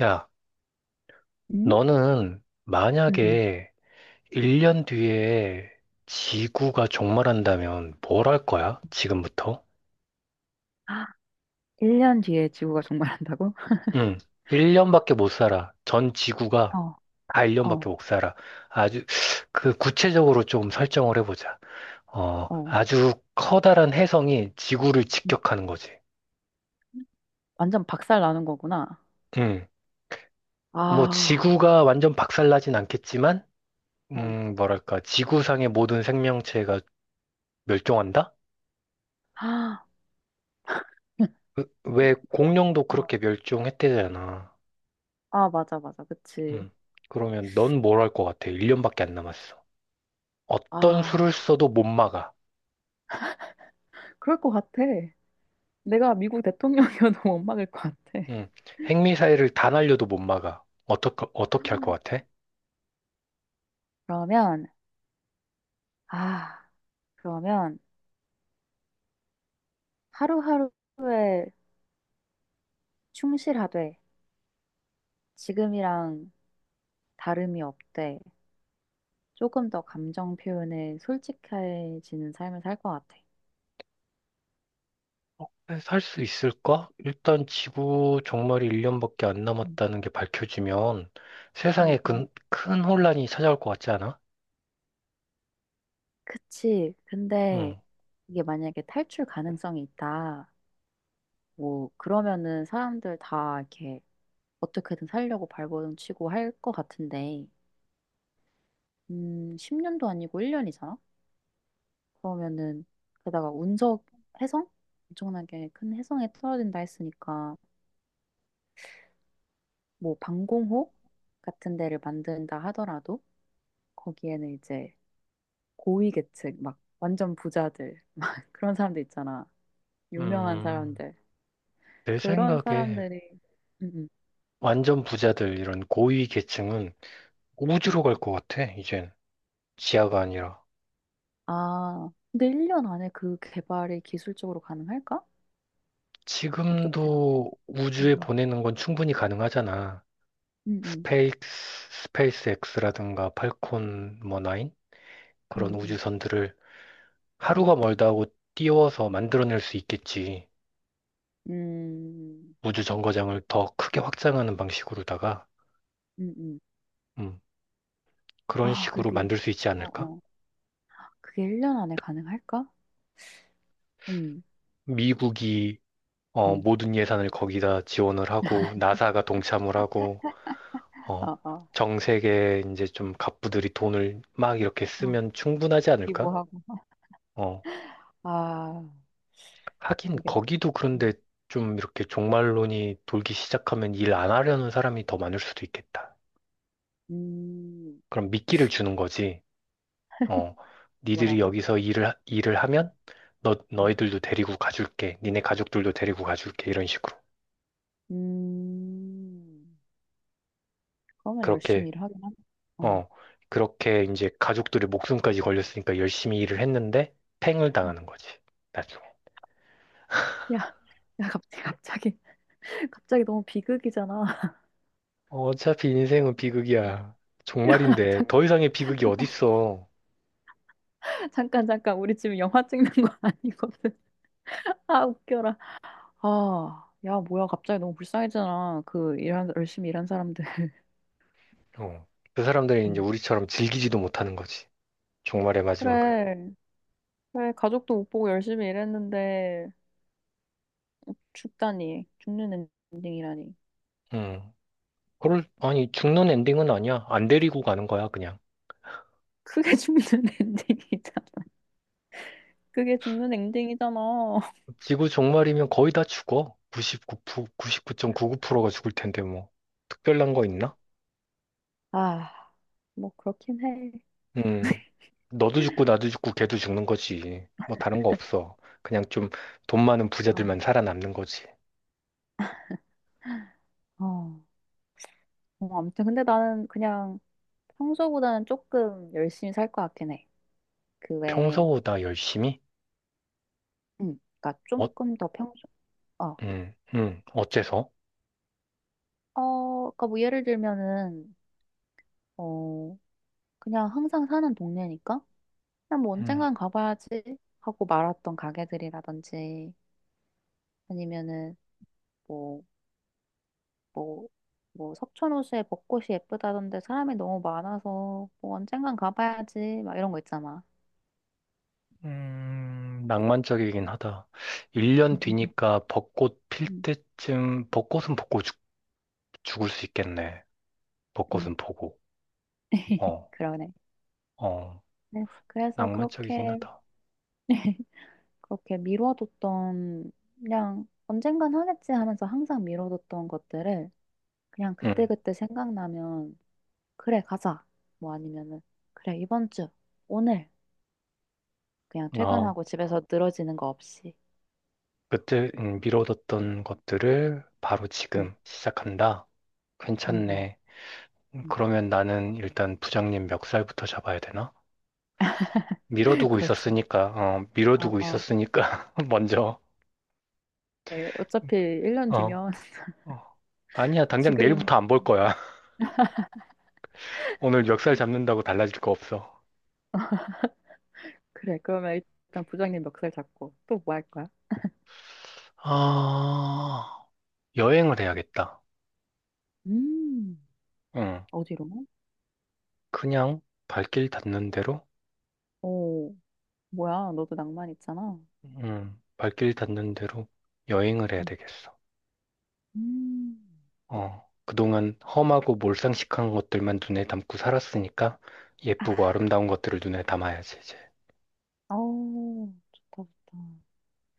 야, 응? 너는 응, 응. 만약에 1년 뒤에 지구가 종말한다면 뭘 할 거야? 지금부터? 아, 1년 뒤에 지구가 종말한다고? 응, 1년밖에 못 살아. 전 지구가 어, 다 어, 1년밖에 못 살아. 아주, 그 구체적으로 좀 설정을 해보자. 어. 아주 커다란 혜성이 지구를 음. 직격하는 거지. 완전 박살 나는 거구나. 응, 뭐 아, 지구가 완전 박살나진 않겠지만, 어. 뭐랄까, 지구상의 모든 생명체가 멸종한다? 아, 왜 공룡도 어. 그렇게 멸종했대잖아. 아, 맞아, 맞아. 그치. 응. 그러면 넌 뭘 할 것 같아? 1년밖에 안 남았어. 어떤 아, 수를 써도 못 막아. 그럴 것 같아. 내가 미국 대통령이어도 못 막을 것 같아. 응. 핵미사일을 다 날려도 못 막아. 어떻게 할 것 같아? 그러면, 아, 그러면 하루하루에 충실하되 지금이랑 다름이 없되 조금 더 감정 표현에 솔직해지는 삶을 살 것 같아. 살 수 있을까? 일단 지구 종말이 1년밖에 안 음, 남았다는 게 밝혀지면 음, 세상에 음. 큰 혼란이 찾아올 것 같지 않아? 그치. 근데 응. 이게 만약에 탈출 가능성이 있다. 뭐, 그러면은 사람들 다 이렇게 어떻게든 살려고 발버둥 치고 할 것 같은데, 10년도 아니고 1년이잖아? 그러면은, 게다가 운석 혜성? 엄청나게 큰 혜성에 떨어진다 했으니까, 뭐, 방공호 같은 데를 만든다 하더라도, 거기에는 이제 고위계층, 막, 완전 부자들, 막, 그런 사람들 있잖아. 유명한 음, 사람들. 내 그런 생각에 사람들이 음, 완전 부자들, 이런 고위 계층은 음, 음. 우주로 갈 것 같아, 이젠. 지하가 아니라. 아, 근데 1년 안에 그 개발이 기술적으로 가능할까? 어떻게 생각해? 지금도 우주에 음, 보내는 건 충분히 가능하잖아. 음, 음, 스페이스, 스페이스 X라든가 팔콘 뭐 9? 그런 음, 우주선들을 음, 하루가 멀다 하고 띄워서 만들어낼 수 있겠지. 음, 음, 우주 정거장을 더 크게 확장하는 방식으로다가, 음. 음, 그런 아, 근데 식으로 그게 만들 수 있지 어, 않을까? 어. 그게 1년 안에 가능할까? 음, 미국이, 음. 모든 예산을 거기다 지원을 하고, 나사가 동참을 하고, 어, 아, 아. 전 세계 이제 좀 갑부들이 돈을 막 이렇게 어, 쓰면 충분하지 않을까? 기부하고. 어, 아, 하긴 이게 거기도 음, 그런데 좀 이렇게 종말론이 돌기 시작하면 일 안 하려는 사람이 더 많을 수도 있겠다. 음, 그럼 미끼를 주는 거지. 어, 니들이 뭐라고? 여기서 일을 음, 하면 너, 음. 너희들도 데리고 가줄게. 니네 가족들도 데리고 가줄게. 이런 식으로. 음, 그러면 그렇게, 열심히 일하긴 하네. 음, 어, 그렇게 이제 가족들의 목숨까지 걸렸으니까 열심히 일을 했는데 팽을 음. 당하는 거지. 나중에. 야, 야, 갑자기 너무 비극이잖아. 어차피 인생은 비극이야. 야 종말인데 잠깐, 더 이상의 비극이 어딨어. 잠깐, 잠깐. 우리 지금 영화 찍는 거 아니거든. 아, 웃겨라. 아, 야, 뭐야. 갑자기 너무 불쌍해지잖아. 그, 열심히 일한 사람들. 어. 그 사람들이 이제 음. 우리처럼 즐기지도 못하는 거지. 종말의 마지막을. 그래. 그래. 가족도 못 보고 열심히 일했는데, 죽다니. 죽는 엔딩이라니. 음. 그걸, 아니, 죽는 엔딩은 아니야. 안 데리고 가는 거야, 그냥. 그게 죽는 엔딩이잖아. 그게 죽는 엔딩이잖아. 지구 종말이면 거의 다 죽어. 99%, 9 9가 죽을 텐데, 뭐. 특별한 거 있나? 아, 뭐, 그렇긴 해. 음. 너도 죽고, 나도 죽고, 걔도 죽는 거지. 뭐, 다른 거 없어. 그냥 좀 돈 많은 아, 부자들만 살아남는 거지. 어, 아무튼 근데 나는 그냥 평소보다는 조금 열심히 살 것 같긴 해. 그 외에, 평소보다 열심히? 그러니까 어, 조금 더 평소, 어, 어, 어째서? 그러니까 뭐 예를 들면은, 어, 그냥 항상 사는 동네니까 그냥 뭐 언젠간 가봐야지 하고 말았던 가게들이라든지 아니면은 뭐, 뭐, 뭐 석촌호수에 벚꽃이 예쁘다던데 사람이 너무 많아서 뭐 언젠간 가봐야지 막 이런 거 있잖아. 낭만적이긴 하다. 1년 뒤니까 벚꽃 필 음, 때쯤, 벚꽃 죽을 수 있겠네. 음, 벚꽃은 보고. 어, 그러네. 어, 그래서 낭만적이긴 그렇게 하다. 그렇게 미뤄뒀던 그냥 언젠간 하겠지 하면서 항상 미뤄뒀던 것들을 그냥 음, 그때그때 생각나면 그래 가자 뭐 아니면은 그래 이번 주 오늘 그냥 어, 퇴근하고 집에서 늘어지는 거 없이 그때 미뤄뒀던 것들을 바로 음, 지금 시작한다. 음, 괜찮네. 음. 그러면 나는 일단 부장님 멱살부터 잡아야 되나? 미뤄두고 그렇지 있었으니까, 어, 어, 미뤄두고 어. 있었으니까, 먼저, 네, 어차피 1년 어, 뒤면 어. 아니야, 당장 지금 내일부터 안 볼 거야. 오늘 역살 잡는다고 달라질 거 없어. 그래 그러면 일단 부장님 멱살 잡고 또 뭐 할 거야? 아, 여행을 해야겠다. 음 응. 어디로? 그냥 발길 닿는 대로, 오 뭐야 너도 낭만 있잖아 응. 발길 닿는 대로 여행을 해야 음. 되겠어. 음. 어. 그동안 험하고 몰상식한 것들만 눈에 담고 살았으니까 예쁘고 아름다운 것들을 눈에 담아야지, 이제. 어, 좋다, 좋다.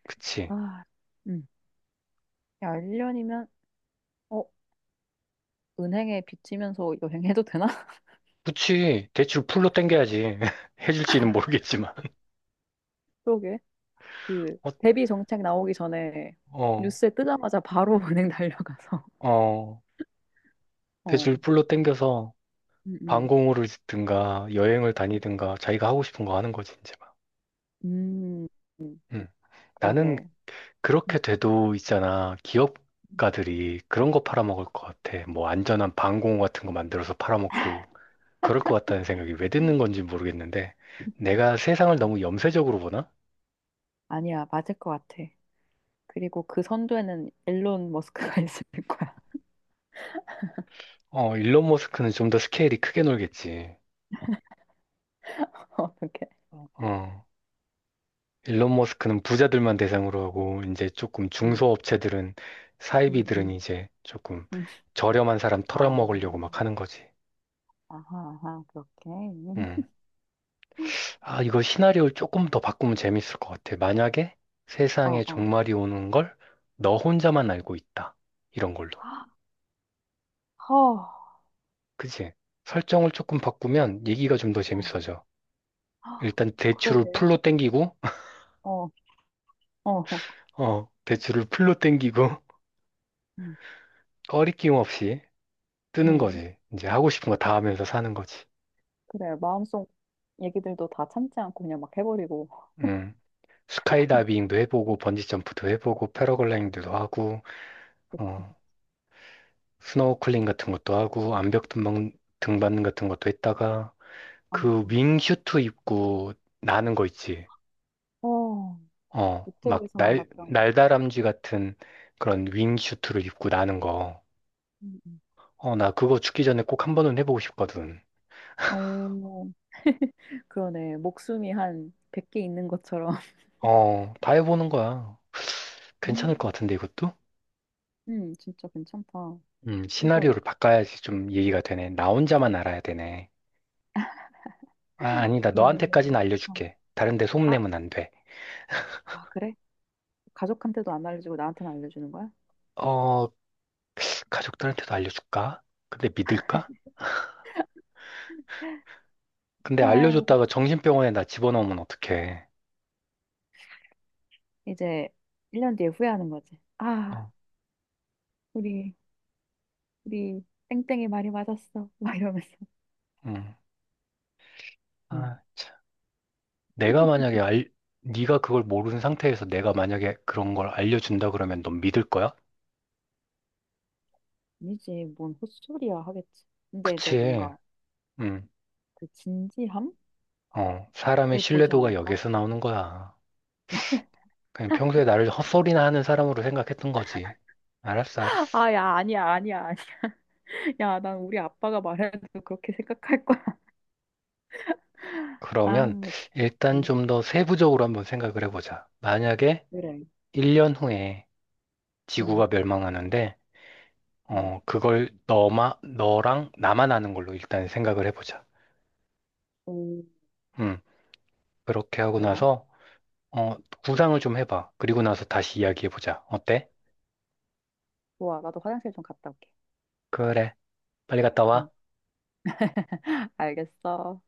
그치. 아, 음. 야, 1년이면, 어, 은행에 빚지면서 여행해도 되나? 그치. 대출 풀로 땡겨야지. 해줄지는 모르겠지만. 그러게. 어, 대비 정책 나오기 전에 어, 뉴스에 뜨자마자 바로 은행 달려가서. 어. 어, 대출 풀로 땡겨서 음, 음. 방공호를 짓든가 여행을 다니든가 자기가 하고 싶은 거 하는 거지 이제 막. 음, 음, 음. 나는 그러게. 그렇게 음, 돼도 있잖아. 음. 기업가들이 그런 거 팔아먹을 것 같아. 뭐 안전한 방공호 같은 거 만들어서 팔아먹고 그럴 것 같다는 생각이 왜 드는 건지 모르겠는데 내가 세상을 어, 너무 염세적으로 보나? 아니야, 맞을 것 같아. 그리고 그 선두에는 일론 머스크가 있을 거야. 어, 일론 머스크는 좀 더 스케일이 크게 놀겠지. 어떻게? 어. 일론 머스크는 부자들만 대상으로 하고 이제 조금 음, 중소업체들은 음, 사이비들은 음. 이제 조금 음. 저렴한 사람 털어먹으려고 아, 막 하는 거지. 아하, 아하, 그렇게. 음. 음. 아, 이거 시나리오를 조금 더 바꾸면 재밌을 것 같아. 만약에 어, 세상에 어. 종말이 오는 걸 너 혼자만 알고 있다. 이런 걸로. 허, 그치? 설정을 조금 바꾸면 얘기가 좀 더 어. 재밌어져. 아, 일단 대출을 그러게. 풀로 땡기고, 어, 어, 어. 어, 대출을 풀로 땡기고, 음, 꺼리낌 없이 뜨는 음. 거지. 이제 하고 싶은 거 다 하면서 사는 거지. 그래. 마음속 얘기들도 다 참지 않고 그냥 막 해버리고. 음. 스카이다이빙도 해보고 번지점프도 해보고 패러글라이딩도 하고 그치. 어, 스노클링 같은 것도 하고 암벽 등반 같은 것도 했다가 아, 그 아. 윙슈트 입고 나는 거 있지. 어, 막 유튜브에서만 날, 봤던 거. 날다람쥐 같은 그런 윙슈트를 입고 나는 거. 음, 음. 나 그거 죽기 전에 꼭 한 번은 해보고 싶거든. 오, 그러네. 목숨이 한 100개 있는 것처럼. 어, 다 해보는 거야. 괜찮을 것 음, 같은데 이것도? 진짜 괜찮다. 진짜로. 시나리오를 바꿔야지 좀 얘기가 되네. 나 혼자만 알아야 되네. 아, 아니다. 그러면은, 너한테까지는 어. 알려줄게. 다른 데 아, 소문내면 안 돼. 아, 그래? 가족한테도 안 알려주고 나한테만 알려주는 거야? 어, 가족들한테도 알려줄까? 근데 믿을까? 근데 아, 알려줬다가 정신병원에 나 집어넣으면 어떡해. 이제 1년 뒤에 후회하는 거지. 아, 어, 우리, 우리 땡땡이 말이 맞았어. 막 이러면서. 음. 음, 아, 참. 내가 만약에 알, 네가 그걸 모르는 상태에서 내가 만약에 그런 걸 알려준다 그러면 넌 믿을 거야? 아니지, 뭔 헛소리야 하겠지. 근데 이제 그치. 뭔가 음. 그 진지함을 사람의 보지 신뢰도가 않을까? 여기에서 나오는 거야. 그냥 평소에 나를 헛소리나 하는 사람으로 생각했던 거지. 알았어, 알았어. 아, 야, 아니야, 아니야, 아니야. 야, 난 우리 아빠가 말해도 그렇게 생각할 거야. 아, 그러면 일단 음, 좀 더 세부적으로 한번 생각을 해보자. 만약에 그래. 1년 후에 음, 지구가 멸망하는데, 음, 그걸 너랑 나만 아는 걸로 일단 생각을 해보자. 오, 음, 그렇게 하고 좋아. 나서, 어, 구상을 좀 해봐. 그리고 나서 다시 이야기해보자. 어때? 좋아, 나도 화장실 좀 갔다 올게. 그래. 빨리 갔다 음. 와. 알겠어.